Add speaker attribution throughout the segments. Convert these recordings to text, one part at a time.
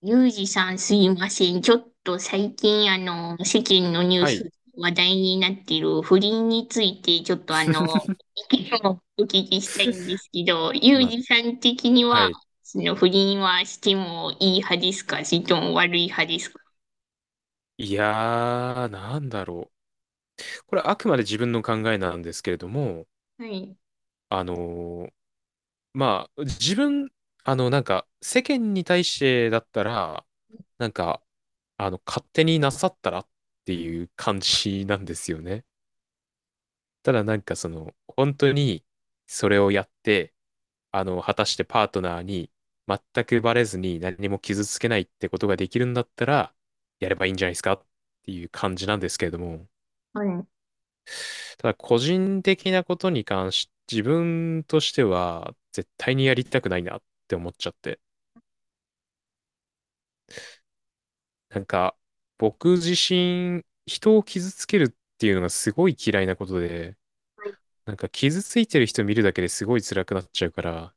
Speaker 1: ゆうじさんすいません。ちょっと最近世間のニュー
Speaker 2: はい。
Speaker 1: ス話題になっている不倫についてちょっと、意見をお聞きしたいんですけど、ゆう
Speaker 2: まあ、
Speaker 1: じさん的に
Speaker 2: は
Speaker 1: は、
Speaker 2: い。
Speaker 1: その不倫はしてもいい派ですか、それとも悪い派ですか？
Speaker 2: なんだろう。これあくまで自分の考えなんですけれども、
Speaker 1: はい。
Speaker 2: あのーまあ、自分、あの、なんか、世間に対してだったら、なんか、勝手になさったらっていう感じなんですよね。ただなんかその、本当にそれをやって、果たしてパートナーに全くバレずに何も傷つけないってことができるんだったら、やればいいんじゃないですかっていう感じなんですけれども、
Speaker 1: はい。
Speaker 2: ただ個人的なことに関し、自分としては絶対にやりたくないなって思っちゃって、なんか僕自身、人を傷つけるっていうのがすごい嫌いなことで、傷ついてる人見るだけですごい辛くなっちゃうから、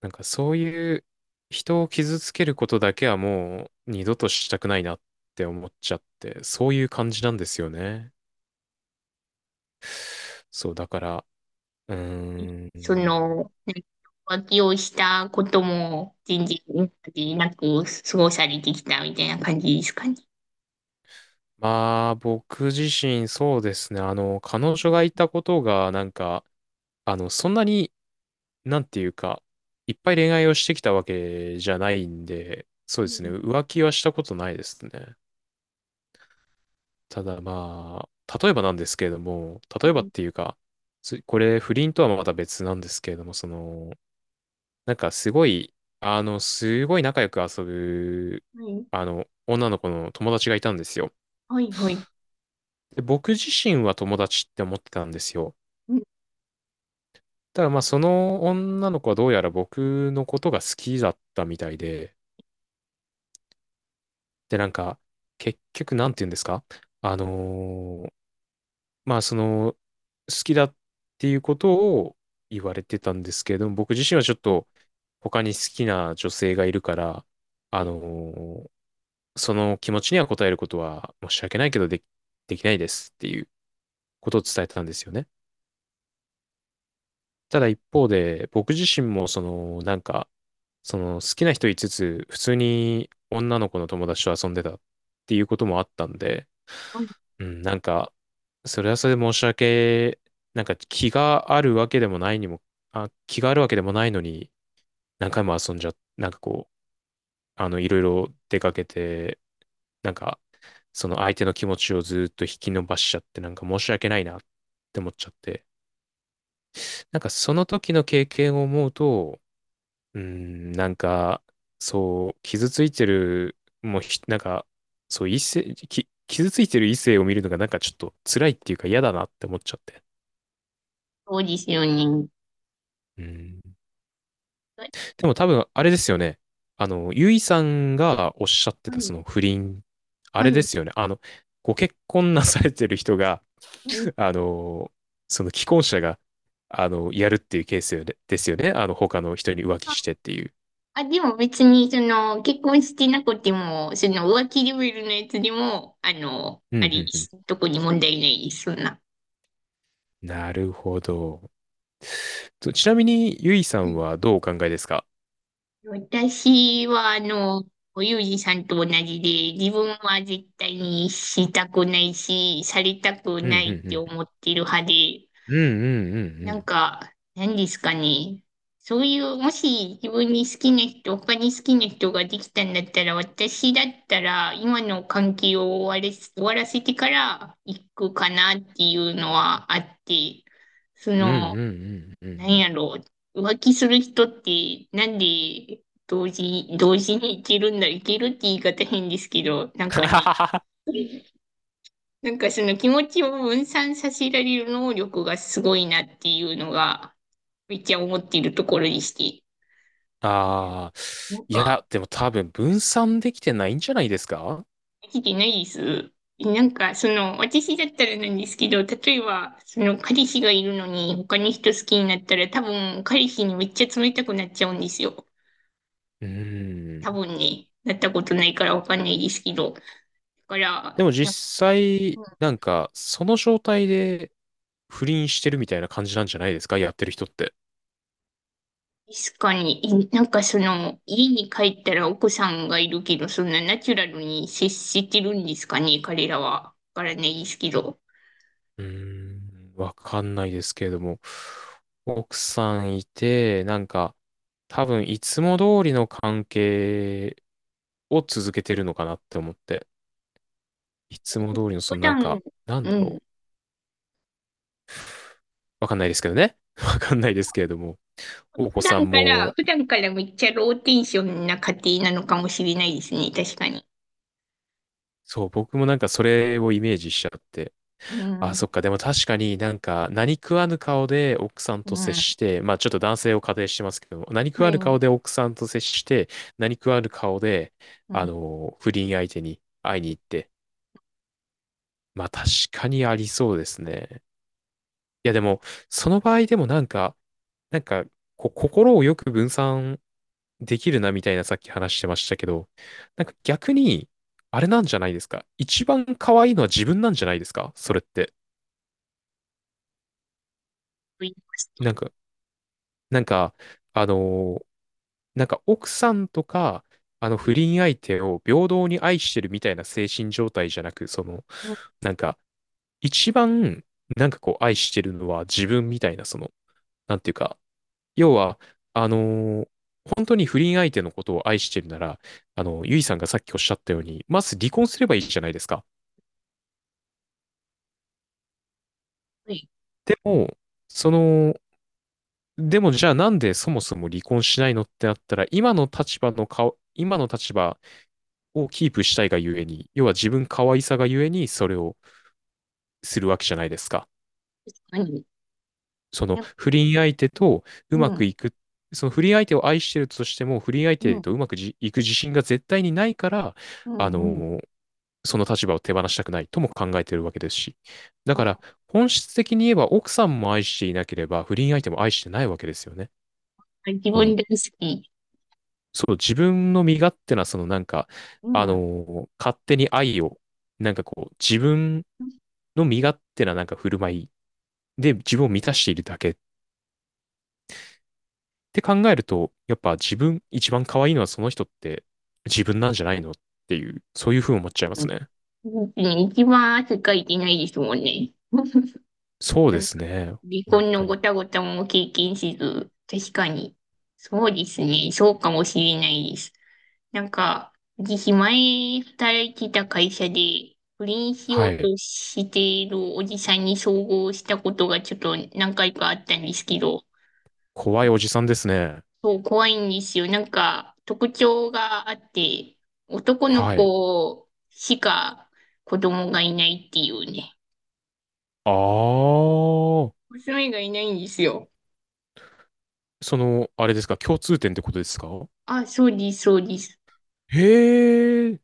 Speaker 2: そういう人を傷つけることだけはもう二度としたくないなって思っちゃって、そういう感じなんですよね。そう、だから、うー
Speaker 1: そ
Speaker 2: ん。
Speaker 1: の、なんか浮気をしたことも全然今までなく過ごされてきたみたいな感じですかね？
Speaker 2: まあ、僕自身そうですね。彼女がいたことが、そんなに、なんていうか、いっぱい恋愛をしてきたわけじゃないんで、そう
Speaker 1: う
Speaker 2: ですね。
Speaker 1: ん。
Speaker 2: 浮気はしたことないですね。ただまあ、例えばなんですけれども、例
Speaker 1: は
Speaker 2: えばっ
Speaker 1: い。
Speaker 2: ていうか、これ不倫とはまた別なんですけれども、その、なんかすごい、すごい仲良く遊ぶ、
Speaker 1: はい。
Speaker 2: 女の子の友達がいたんですよ。
Speaker 1: はい。はい。はい。
Speaker 2: で、僕自身は友達って思ってたんですよ。
Speaker 1: うん。
Speaker 2: ただまあ、その女の子はどうやら僕のことが好きだったみたいで、で、なんか、結局、なんて言うんですかあのーまあ、その、好きだっていうことを言われてたんですけれども、僕自身はちょっと他に好きな女性がいるから、あのーその気持ちには応えることは申し訳ないけどでき、できないですっていうことを伝えてたんですよね。ただ一方で、僕自身もその、なんか、その好きな人いつつ、普通に女の子の友達と遊んでたっていうこともあったんで、うん、なんか、それはそれで申し訳、なんか気があるわけでもないのに、何回も遊んじゃ、なんかこう、いろいろ出かけて、なんか、その相手の気持ちをずっと引き伸ばしちゃって、なんか申し訳ないなって思っちゃって、なんかその時の経験を思うと、うーん、なんか、そう、傷ついてる、もうひ、なんか、そう、異性、き、傷ついてる異性を見るのがなんかちょっと辛いっていうか嫌だなって思っちゃって。
Speaker 1: そうですよね。
Speaker 2: うん。
Speaker 1: はい。
Speaker 2: でも多分、あれですよね。ゆいさんがおっしゃってたその不倫、あ
Speaker 1: は
Speaker 2: れで
Speaker 1: い。
Speaker 2: すよね。ご結婚なされてる人が、
Speaker 1: うん。
Speaker 2: あの、その既婚者が、やるっていうケースよねですよね。あの、他の人に浮気
Speaker 1: あ、
Speaker 2: してっていう。
Speaker 1: あでも別に、その、結婚してなくても、その、浮気レベルのやつでも、あの、
Speaker 2: うんう
Speaker 1: あれ
Speaker 2: ん
Speaker 1: で
Speaker 2: うん。
Speaker 1: す。特に問題ないです、そんな。
Speaker 2: なるほど。と、ちなみに、ゆいさ
Speaker 1: は
Speaker 2: ん
Speaker 1: い。
Speaker 2: はどうお考えですか？
Speaker 1: 私は、あの、ユージさんと同じで、自分は絶対にしたくないし、されたく
Speaker 2: うんうん
Speaker 1: ないっ
Speaker 2: う
Speaker 1: て思
Speaker 2: ん。
Speaker 1: ってる派で、
Speaker 2: うんうんうんう
Speaker 1: なん
Speaker 2: ん。
Speaker 1: か、何ですかね。そういう、もし自分に好きな人、他に好きな人ができたんだったら、私だったら、今の関係を終われ、終わらせてから行くかなっていうのはあって、そ
Speaker 2: うんう
Speaker 1: の、
Speaker 2: んうんうんう
Speaker 1: 何
Speaker 2: ん。
Speaker 1: やろう、浮気する人って、なんで同時、同時に行けるんだ、行けるって言い方変ですけど、なんかね、なんかその気持ちを分散させられる能力がすごいなっていうのが、めっちゃ思っているところでして。
Speaker 2: ああ、
Speaker 1: なん
Speaker 2: い
Speaker 1: か、
Speaker 2: や、でも多分分散できてないんじゃないですか？
Speaker 1: できてないです。なんか、その、私だったらなんですけど、例えば、その、彼氏がいるのに、他の人好きになったら、多分、彼氏にめっちゃ冷たくなっちゃうんですよ。
Speaker 2: う
Speaker 1: 多
Speaker 2: ん。
Speaker 1: 分ね、なったことないからわかんないですけど。だか
Speaker 2: で
Speaker 1: ら、
Speaker 2: も
Speaker 1: なんか、
Speaker 2: 実際、
Speaker 1: うん。
Speaker 2: その状態で不倫してるみたいな感じなんじゃないですか、やってる人って。
Speaker 1: 確かに、え、なんかその、家に帰ったら奥さんがいるけど、そんなナチュラルに接してるんですかね、彼らは。わからないですけど。
Speaker 2: うーわかんないですけれども、奥さんいて、多分いつも通りの関係を続けてるのかなって思って、いつも通りの、
Speaker 1: 普段、うん、
Speaker 2: わかんないですけどね。わかんないですけれども、お
Speaker 1: 普
Speaker 2: 子さ
Speaker 1: 段
Speaker 2: ん
Speaker 1: から、
Speaker 2: も
Speaker 1: 普段からめっちゃローテンションな家庭なのかもしれないですね。確かに。
Speaker 2: そう、僕もなんかそれをイメージしちゃって。
Speaker 1: う
Speaker 2: あ、
Speaker 1: ん。
Speaker 2: そっか。でも確かになんか何食わぬ顔で奥さん
Speaker 1: う
Speaker 2: と接
Speaker 1: ん。
Speaker 2: して、まあちょっと男性を仮定してますけども、何食
Speaker 1: は
Speaker 2: わ
Speaker 1: い。
Speaker 2: ぬ
Speaker 1: うん。
Speaker 2: 顔で奥さんと接して、何食わぬ顔で、
Speaker 1: と
Speaker 2: 不倫相手に会いに行って。まあ確かにありそうですね。いやでも、その場合でもなんか、こう、心をよく分散できるなみたいなさっき話してましたけど、なんか逆に、あれなんじゃないですか。一番可愛いのは自分なんじゃないですか、それって。
Speaker 1: 言いまし
Speaker 2: なん
Speaker 1: た。
Speaker 2: か、なんか、あのーなんか奥さんとか、あの不倫相手を平等に愛してるみたいな精神状態じゃなく、
Speaker 1: うん。
Speaker 2: なんか、一番、なんかこう愛してるのは自分みたいな、その、なんていうか、要は、あのー本当に不倫相手のことを愛してるなら、あの、ゆいさんがさっきおっしゃったように、まず離婚すればいいじゃないですか。
Speaker 1: はい。
Speaker 2: でも、その、でもじゃあなんでそもそも離婚しないのってなったら、今の立場をキープしたいがゆえに、要は自分可愛さがゆえにそれをするわけじゃないですか。
Speaker 1: 確かに。
Speaker 2: その
Speaker 1: なんか。
Speaker 2: 不倫相手とう
Speaker 1: う
Speaker 2: まく
Speaker 1: ん。
Speaker 2: いく、その不倫相手を愛してるとしても、不倫相
Speaker 1: う
Speaker 2: 手
Speaker 1: ん。
Speaker 2: とうまくじいく自信が絶対にないから、
Speaker 1: う
Speaker 2: あ
Speaker 1: ん。
Speaker 2: の
Speaker 1: うん。
Speaker 2: ーその立場を手放したくないとも考えているわけですし。だから、
Speaker 1: あ、
Speaker 2: 本質的に言えば奥さんも愛していなければ、不倫相手も愛してないわけですよね。
Speaker 1: 自
Speaker 2: こ
Speaker 1: 分
Speaker 2: の、
Speaker 1: 大好き。
Speaker 2: そう、自分の身勝手な、そのなんか、
Speaker 1: う
Speaker 2: あの
Speaker 1: ん。
Speaker 2: ー勝手に愛を、自分
Speaker 1: 確
Speaker 2: の身勝手ななんか振る舞いで自分を満たしているだけって考えると、やっぱ自分一番可愛いのはその人って自分なんじゃないのっていう、そういうふうに思っちゃいま
Speaker 1: か
Speaker 2: す
Speaker 1: に。
Speaker 2: ね。
Speaker 1: うん。うん、一番汗かいてないですもんね。
Speaker 2: そう
Speaker 1: な
Speaker 2: で
Speaker 1: んか、
Speaker 2: すね。
Speaker 1: 離
Speaker 2: 本
Speaker 1: 婚の
Speaker 2: 当
Speaker 1: ご
Speaker 2: に。
Speaker 1: たごたも経験せず、確かに。そうですね。そうかもしれないです。なんか、私前働いてた会社で、不倫しよ
Speaker 2: は
Speaker 1: う
Speaker 2: い。
Speaker 1: としているおじさんに遭遇したことがちょっと何回かあったんですけど、
Speaker 2: 怖いおじさんですね。
Speaker 1: そう、怖いんですよ。なんか、特徴があって、男の
Speaker 2: はい。
Speaker 1: 子しか子供がいないっていうね。
Speaker 2: あー。
Speaker 1: 娘がいないんですよ。
Speaker 2: その、あれですか、共通点ってことですか？
Speaker 1: あ、そうです、そうです。
Speaker 2: へえ。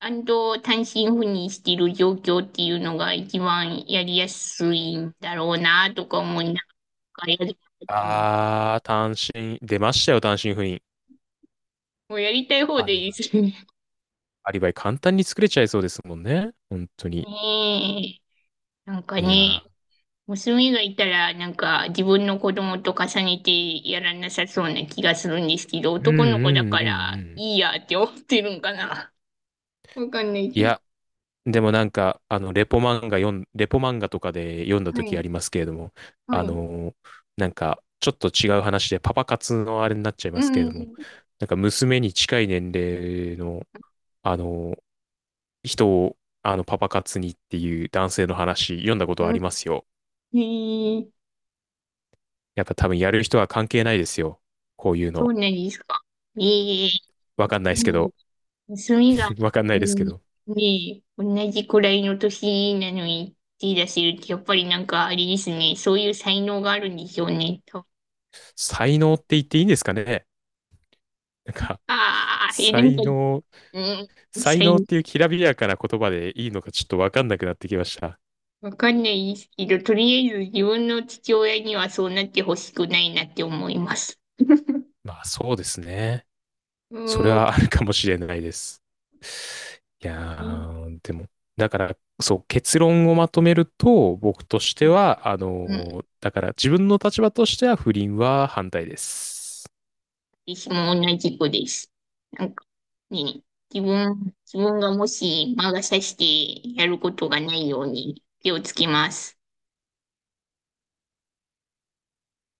Speaker 1: 安藤単身赴任している状況っていうのが一番やりやすいんだろうなとか思いながらやりたいって思ってる。
Speaker 2: あー、単身、出ましたよ、単身赴任。
Speaker 1: もうやりたい方
Speaker 2: ア
Speaker 1: で
Speaker 2: リ
Speaker 1: いい
Speaker 2: バイ。
Speaker 1: ですね。
Speaker 2: アリバイ簡単に作れちゃいそうですもんね。本当 に。
Speaker 1: ねえ。なんか
Speaker 2: い
Speaker 1: ね、
Speaker 2: やー。
Speaker 1: 娘がいたらなんか自分の子供と重ねてやらなさそうな気がするんですけど、
Speaker 2: うんうんうん
Speaker 1: 男の子だか
Speaker 2: う
Speaker 1: ら
Speaker 2: ん。
Speaker 1: いいやって思ってるんかな。わかんない
Speaker 2: い
Speaker 1: けど。
Speaker 2: や、でもなんか、あの、レポ漫画とかで読んだ
Speaker 1: は
Speaker 2: 時あ
Speaker 1: い。
Speaker 2: りますけれども、
Speaker 1: は
Speaker 2: あ
Speaker 1: い。
Speaker 2: のーなんか、ちょっと違う話で、パパ活のあれになっちゃい
Speaker 1: う
Speaker 2: ますけれ
Speaker 1: ん。
Speaker 2: ども、なんか、娘に近い年齢の、あのー人を、あの、パパ活にっていう男性の話、読んだことあ
Speaker 1: うん。
Speaker 2: りますよ。
Speaker 1: へえ、
Speaker 2: やっぱ多分やる人は関係ないですよ。こういう
Speaker 1: そう
Speaker 2: の。
Speaker 1: なんですか？ええ。
Speaker 2: わかんないですけ
Speaker 1: うん。
Speaker 2: ど、
Speaker 1: 娘が、
Speaker 2: わかんないです
Speaker 1: う
Speaker 2: け
Speaker 1: ん。
Speaker 2: ど、
Speaker 1: ねえ、同じくらいの年なのに手出せるって、やっぱりなんかあれですね、そういう才能があるんでしょうね、多分。
Speaker 2: 才能って言っていいんですかね？なんか、
Speaker 1: ああ、え、なん
Speaker 2: 才
Speaker 1: か、
Speaker 2: 能、
Speaker 1: うん、
Speaker 2: 才
Speaker 1: 才
Speaker 2: 能っ
Speaker 1: 能、
Speaker 2: ていうきらびやかな言葉でいいのかちょっとわかんなくなってきました。
Speaker 1: わかんないですけど、とりあえず自分の父親にはそうなってほしくないなって思います。
Speaker 2: まあそうですね。
Speaker 1: う
Speaker 2: それ
Speaker 1: ん、うん、
Speaker 2: はあるかもしれないです。いやー、でも、だから、そう、結論をまとめると、僕としては、だから自分の立場としては不倫は反対です。
Speaker 1: 私も同じ子です。なんかね、自分、自分がもし魔が差してやることがないように気をつけます。